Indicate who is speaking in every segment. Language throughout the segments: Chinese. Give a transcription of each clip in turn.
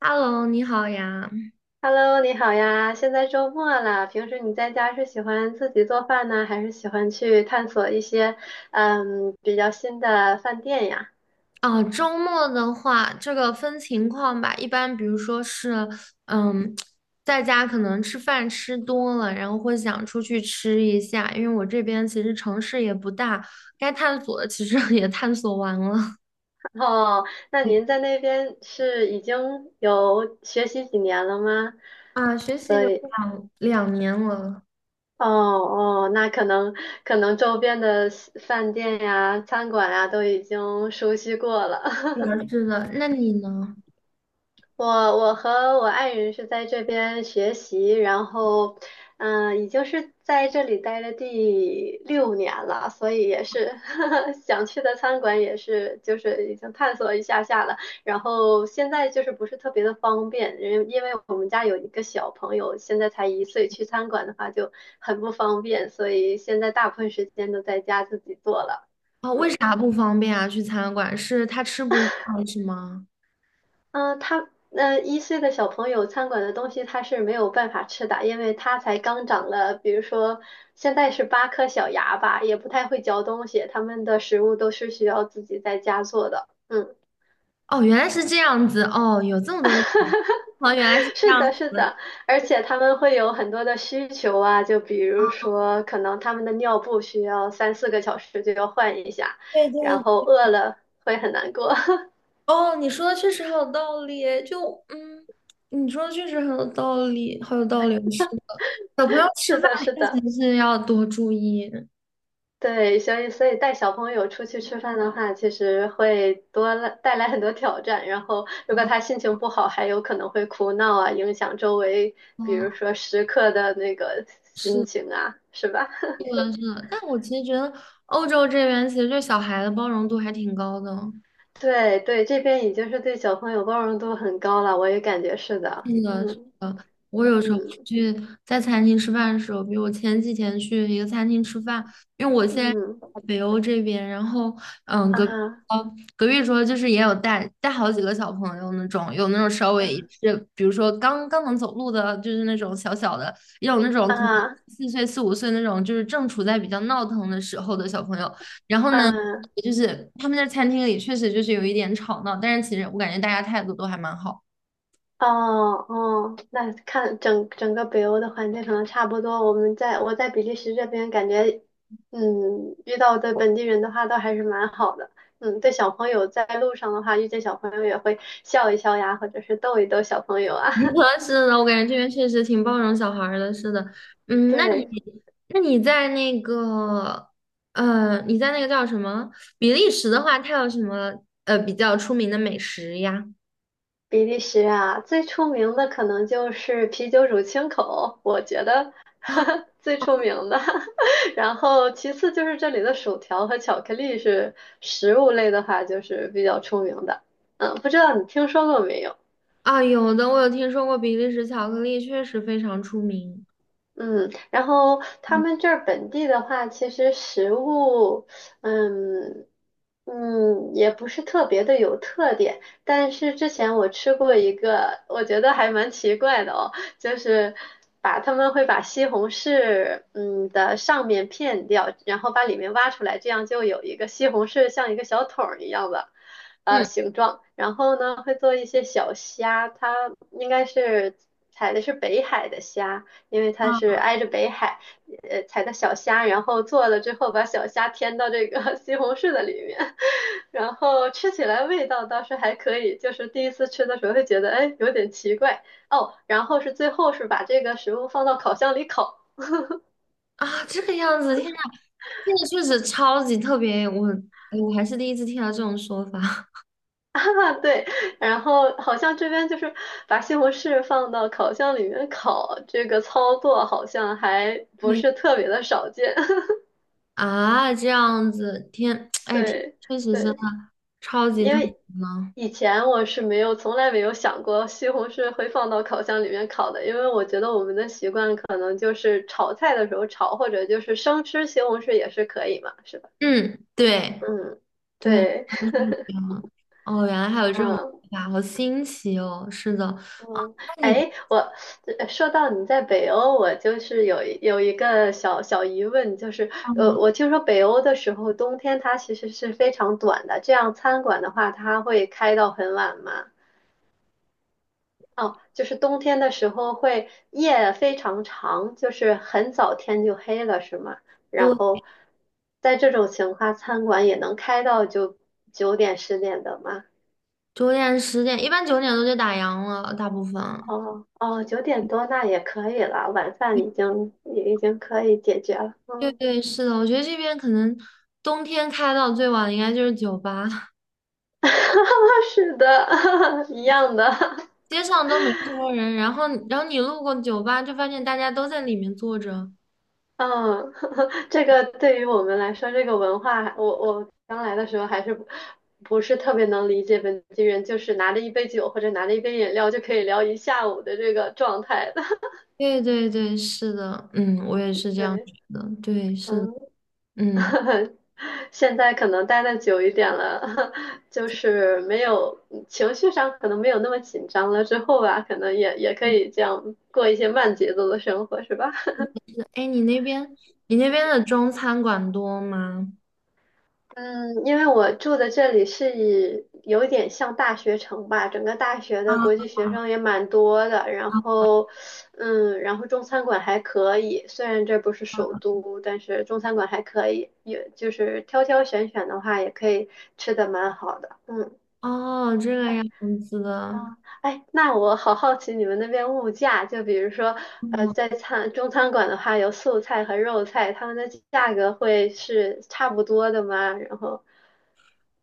Speaker 1: Hello，你好呀。
Speaker 2: Hello，你好呀！现在周末了，平时你在家是喜欢自己做饭呢，还是喜欢去探索一些比较新的饭店呀？
Speaker 1: 哦，周末的话，这个分情况吧。一般比如说是，嗯，在家可能吃饭吃多了，然后会想出去吃一下，因为我这边其实城市也不大，该探索的其实 也探索完了。
Speaker 2: 哦，那
Speaker 1: 对
Speaker 2: 您在那边是已经有学习几年了吗？
Speaker 1: 啊，学习
Speaker 2: 所
Speaker 1: 有
Speaker 2: 以，
Speaker 1: 两两年了。
Speaker 2: 哦哦，那可能周边的饭店呀、餐馆呀都已经熟悉过了。
Speaker 1: 对 啊是的，那你呢？
Speaker 2: 我我和我爱人是在这边学习，然后，已经是在这里待了第6年了，所以也是 想去的餐馆也是就是已经探索一下下了，然后现在就是不是特别的方便，因为我们家有一个小朋友，现在才一岁，去餐馆的话就很不方便，所以现在大部分时间都在家自己做了。
Speaker 1: 哦，为
Speaker 2: 嗯
Speaker 1: 啥不方便啊？去餐馆是他吃不惯是吗？
Speaker 2: 嗯，他一岁的小朋友餐馆的东西他是没有办法吃的，因为他才刚长了，比如说现在是8颗小牙吧，也不太会嚼东西，他们的食物都是需要自己在家做的。嗯，
Speaker 1: 哦，原来是这样子。哦，有这么多的，哦，原来是 这
Speaker 2: 是
Speaker 1: 样
Speaker 2: 的，是
Speaker 1: 子。
Speaker 2: 的，而且他们会有很多的需求啊，就比如说可能他们的尿布需要3、4个小时就要换一下，
Speaker 1: 对
Speaker 2: 然
Speaker 1: 对。
Speaker 2: 后饿了会很难过。
Speaker 1: 哦，你说的确实很有道理耶就嗯，你说的确实很有道理，好有道理，是的。小朋友吃
Speaker 2: 是
Speaker 1: 饭
Speaker 2: 的，是
Speaker 1: 确
Speaker 2: 的。
Speaker 1: 实是要多注意，
Speaker 2: 对，所以带小朋友出去吃饭的话，其实会多了带来很多挑战。然后，如果他心情不好，还有可能会哭闹啊，影响周围，比
Speaker 1: 哦，
Speaker 2: 如说食客的那个心
Speaker 1: 是
Speaker 2: 情啊，是吧？
Speaker 1: 的，是的。但我其实觉得欧洲这边其实对小孩的包容度还挺高的。
Speaker 2: 对对，这边已经是对小朋友包容度很高了，我也感觉是的。
Speaker 1: 那个是
Speaker 2: 嗯，
Speaker 1: 的，我有时候
Speaker 2: 嗯，
Speaker 1: 去在餐厅吃饭的时候，比如我前几天去一个餐厅吃饭，因为我现在
Speaker 2: 嗯，
Speaker 1: 在北欧这边，然后嗯，隔壁
Speaker 2: 啊，
Speaker 1: 隔壁桌就是也有带好几个小朋友那种，有那种稍微
Speaker 2: 啊，
Speaker 1: 是比如说刚刚能走路的，就是那种小小的，也有那种可能
Speaker 2: 啊，
Speaker 1: 4岁4、5岁那种，就是正处在比较闹腾的时候的小朋友，然后呢。
Speaker 2: 啊！
Speaker 1: 就是他们在餐厅里确实就是有一点吵闹，但是其实我感觉大家态度都还蛮好。
Speaker 2: 哦哦，那看整个北欧的环境可能差不多。我在比利时这边感觉，嗯，遇到的本地人的话都还是蛮好的。嗯，对小朋友在路上的话，遇见小朋友也会笑一笑呀，或者是逗一逗小朋友啊。
Speaker 1: 是的，我感觉这边确实挺包容小孩儿的。是的，嗯，那你
Speaker 2: 对。
Speaker 1: 那你在那个你在那个叫什么比利时的话，它有什么比较出名的美食呀？
Speaker 2: 比利时啊，最出名的可能就是啤酒乳清口，我觉得
Speaker 1: 啊
Speaker 2: 最出名的。然后其次就是这里的薯条和巧克力是食物类的话，就是比较出名的。嗯，不知道你听说过没有？
Speaker 1: 啊，有的，我有听说过比利时巧克力，确实非常出名。
Speaker 2: 嗯，然后他
Speaker 1: 嗯
Speaker 2: 们这儿本地的话，其实食物，嗯也不是特别的有特点。但是之前我吃过一个，我觉得还蛮奇怪的哦，就是把他们会把西红柿的上面片掉，然后把里面挖出来，这样就有一个西红柿像一个小桶儿一样的。
Speaker 1: 嗯
Speaker 2: 形状，然后呢会做一些小虾，它应该是采的是北海的虾，因为它
Speaker 1: 啊，
Speaker 2: 是挨着北海，采的小虾，然后做了之后把小虾添到这个 西红柿的里面，然后吃起来味道倒是还可以，就是第一次吃的时候会觉得哎有点奇怪哦，然后是最后是把这个食物放到烤箱里烤，
Speaker 1: 啊这个样子，天呐，这个确实超级特别，我还是第一次听到这种说法。
Speaker 2: 啊对，然后好像这边就是把西红柿放到烤箱里面烤，这个操作好像还不是 特别的少见，
Speaker 1: 啊，这样子，天，哎，天
Speaker 2: 对
Speaker 1: 确实真的
Speaker 2: 对。
Speaker 1: 超级
Speaker 2: 因
Speaker 1: 特别
Speaker 2: 为
Speaker 1: 呢。
Speaker 2: 以前我是没有，从来没有想过西红柿会放到烤箱里面烤的，因为我觉得我们的习惯可能就是炒菜的时候炒，或者就是生吃西红柿也是可以嘛，是吧？
Speaker 1: 嗯，对
Speaker 2: 嗯，
Speaker 1: 对，
Speaker 2: 对，
Speaker 1: 嗯，哦，原来还有这种说
Speaker 2: 嗯
Speaker 1: 法，好新奇哦。是的，啊，
Speaker 2: 嗯，
Speaker 1: 那你
Speaker 2: 哎，说到你在北欧，我就是有一个小小疑问，就是
Speaker 1: 哦，
Speaker 2: 我听说北欧的时候冬天它其实是非常短的，这样餐馆的话它会开到很晚吗？哦，就是冬天的时候会夜非常长，就是很早天就黑了，是吗？然
Speaker 1: 就
Speaker 2: 后在这种情况，餐馆也能开到就9点10点的吗？
Speaker 1: 9点10点，一般9点多就打烊了，大部分。
Speaker 2: 哦哦，9点多那也可以了，晚饭
Speaker 1: 对
Speaker 2: 已经也已经可以解决了。
Speaker 1: 对
Speaker 2: 嗯，
Speaker 1: 对是的，我觉得这边可能冬天开到最晚的应该就是酒吧，
Speaker 2: 是的，一样的。
Speaker 1: 街上都没什么人，然后你路过酒吧就发现大家都在里面坐着。
Speaker 2: 嗯，这个对于我们来说，这个文化，我刚来的时候还是不是特别能理解本地人，就是拿着一杯酒或者拿着一杯饮料就可以聊一下午的这个状态的。
Speaker 1: 对对对，是的，嗯，我也是这样觉
Speaker 2: 对，
Speaker 1: 得，对，是的，
Speaker 2: 嗯，
Speaker 1: 嗯，
Speaker 2: 现在可能待的久一点了，就是没有情绪上可能没有那么紧张了，之后吧，可能也可以这样过一些慢节奏的生活，是吧？
Speaker 1: 哎，你那边你那边的中餐馆多吗？
Speaker 2: 嗯，因为我住的这里是以有点像大学城吧，整个大学的国际学生也蛮多的，然后，嗯，然后中餐馆还可以，虽然这不是首都，但是中餐馆还可以，也就是挑挑选选的话，也可以吃的蛮好的，嗯。
Speaker 1: 哦，这个样
Speaker 2: 哎
Speaker 1: 子的，
Speaker 2: 啊，哎，那我好好奇你们那边物价，就比如说，
Speaker 1: 嗯
Speaker 2: 在中餐馆的话，有素菜和肉菜，他们的价格会是差不多的吗？然后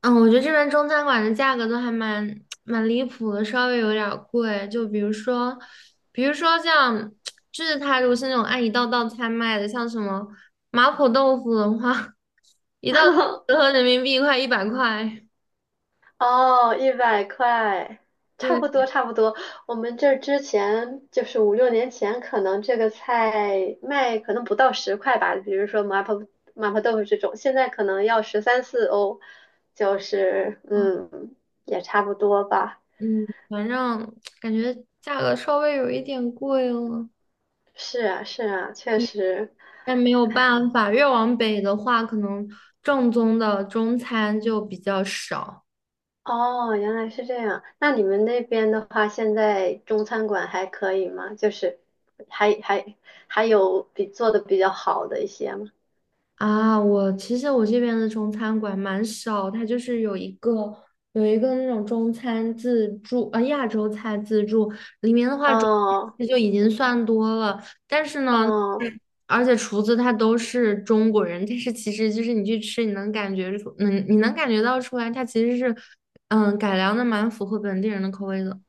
Speaker 1: 嗯我觉得这边中餐馆的价格都还蛮离谱的，稍微有点儿贵，就比如说，比如说像，就是它如果是那种按一道道菜卖的，像什么麻婆豆腐的话，一道豆腐 折合人民币快100块，
Speaker 2: 哦，100块，差
Speaker 1: 对。
Speaker 2: 不多差不多。我们这儿之前就是5、6年前，可能这个菜卖可能不到10块吧，比如说麻婆豆腐这种，现在可能要13、14欧，就是
Speaker 1: 嗯
Speaker 2: 嗯，也差不多吧。
Speaker 1: 嗯，反正 感觉价格稍微有一点贵了，
Speaker 2: 是啊是啊，确实。
Speaker 1: 但没有
Speaker 2: 哎，
Speaker 1: 办法，越往北的话，可能正宗的中餐就比较少。
Speaker 2: 哦，原来是这样。那你们那边的话，现在中餐馆还可以吗？就是还还还有比做的比较好的一些吗？
Speaker 1: 啊，我其实这边的中餐馆蛮少，它就是有一个有一个那种中餐自助，亚洲菜自助，里面的话中
Speaker 2: 哦，
Speaker 1: 餐就已经算多了，但是呢，
Speaker 2: 哦，
Speaker 1: 嗯而且厨子他都是中国人，但是其实就是你去吃，你能感觉出，嗯，你能感觉到出来，它其实是改良的蛮符合本地人的口味的。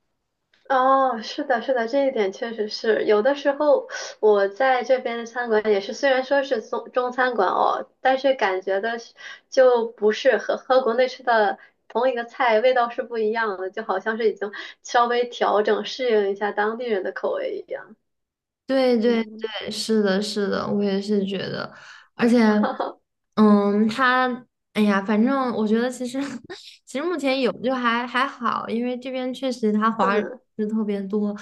Speaker 2: 哦，是的，是的，这一点确实是。有的时候我在这边的餐馆也是，虽然说是中餐馆哦，但是感觉的是就不是和国内吃的同一个菜味道是不一样的，就好像是已经稍微调整适应一下当地人的口味一样。
Speaker 1: 对对
Speaker 2: 嗯。嗯
Speaker 1: 对，是的，是的，我也是觉得，而且，
Speaker 2: 哈哈，
Speaker 1: 嗯，他，哎呀，反正我觉得其实 其实目前有就还好，因为这边确实他华人是特别多，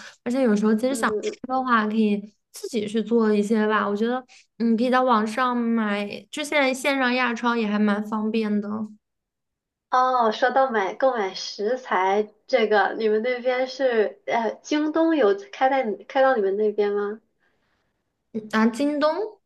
Speaker 2: 嗯，
Speaker 1: 的话可以自己去做一些吧，我觉得，嗯，可以在网上买，就现在线上亚超也还蛮方便的，嗯
Speaker 2: 哦，说到买购买食材这个，你们那边是京东有开到你们那边吗？
Speaker 1: 啊，京东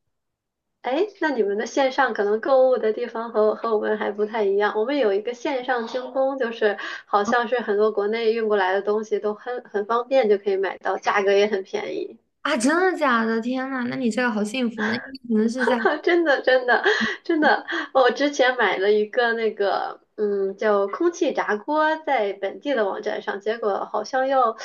Speaker 2: 哎，那你们的线上可能购物的地方和我们还不太一样。我们有一个线上京东，就是好像是很多国内运过来的东西都很方便就可以买到，价格也很便宜。
Speaker 1: 啊，真的假的？天呐，那你这个好幸福，那你可能是在。
Speaker 2: 真的，真的，真的，我之前买了一个那个，嗯，叫空气炸锅，在本地的网站上，结果好像要，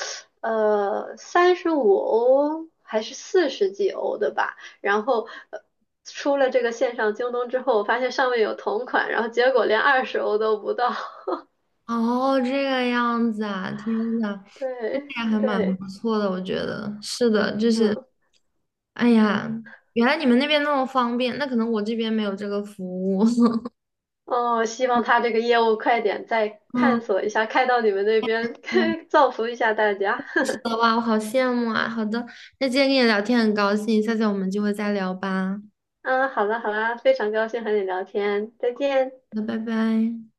Speaker 2: 35欧还是40几欧的吧。然后，出了这个线上京东之后，我发现上面有同款，然后结果连20欧都不到。
Speaker 1: 哦，这个样子啊，天呐，
Speaker 2: 对，
Speaker 1: 也还蛮
Speaker 2: 对，
Speaker 1: 不错的，我觉得是的，就是，
Speaker 2: 嗯，
Speaker 1: 哎呀，原来你们那边那么方便，那可能我这边没有这个服务。
Speaker 2: 哦，希望他这个业务快点再探
Speaker 1: 嗯，
Speaker 2: 索一下，开到你们那边，
Speaker 1: 对，
Speaker 2: 造福一下大家。
Speaker 1: 是的，哇，我好羡慕啊。好的，那今天跟你聊天很高兴，下次我们就会再聊吧。
Speaker 2: 嗯，好了好了，非常高兴和你聊天，再见。
Speaker 1: 那拜拜。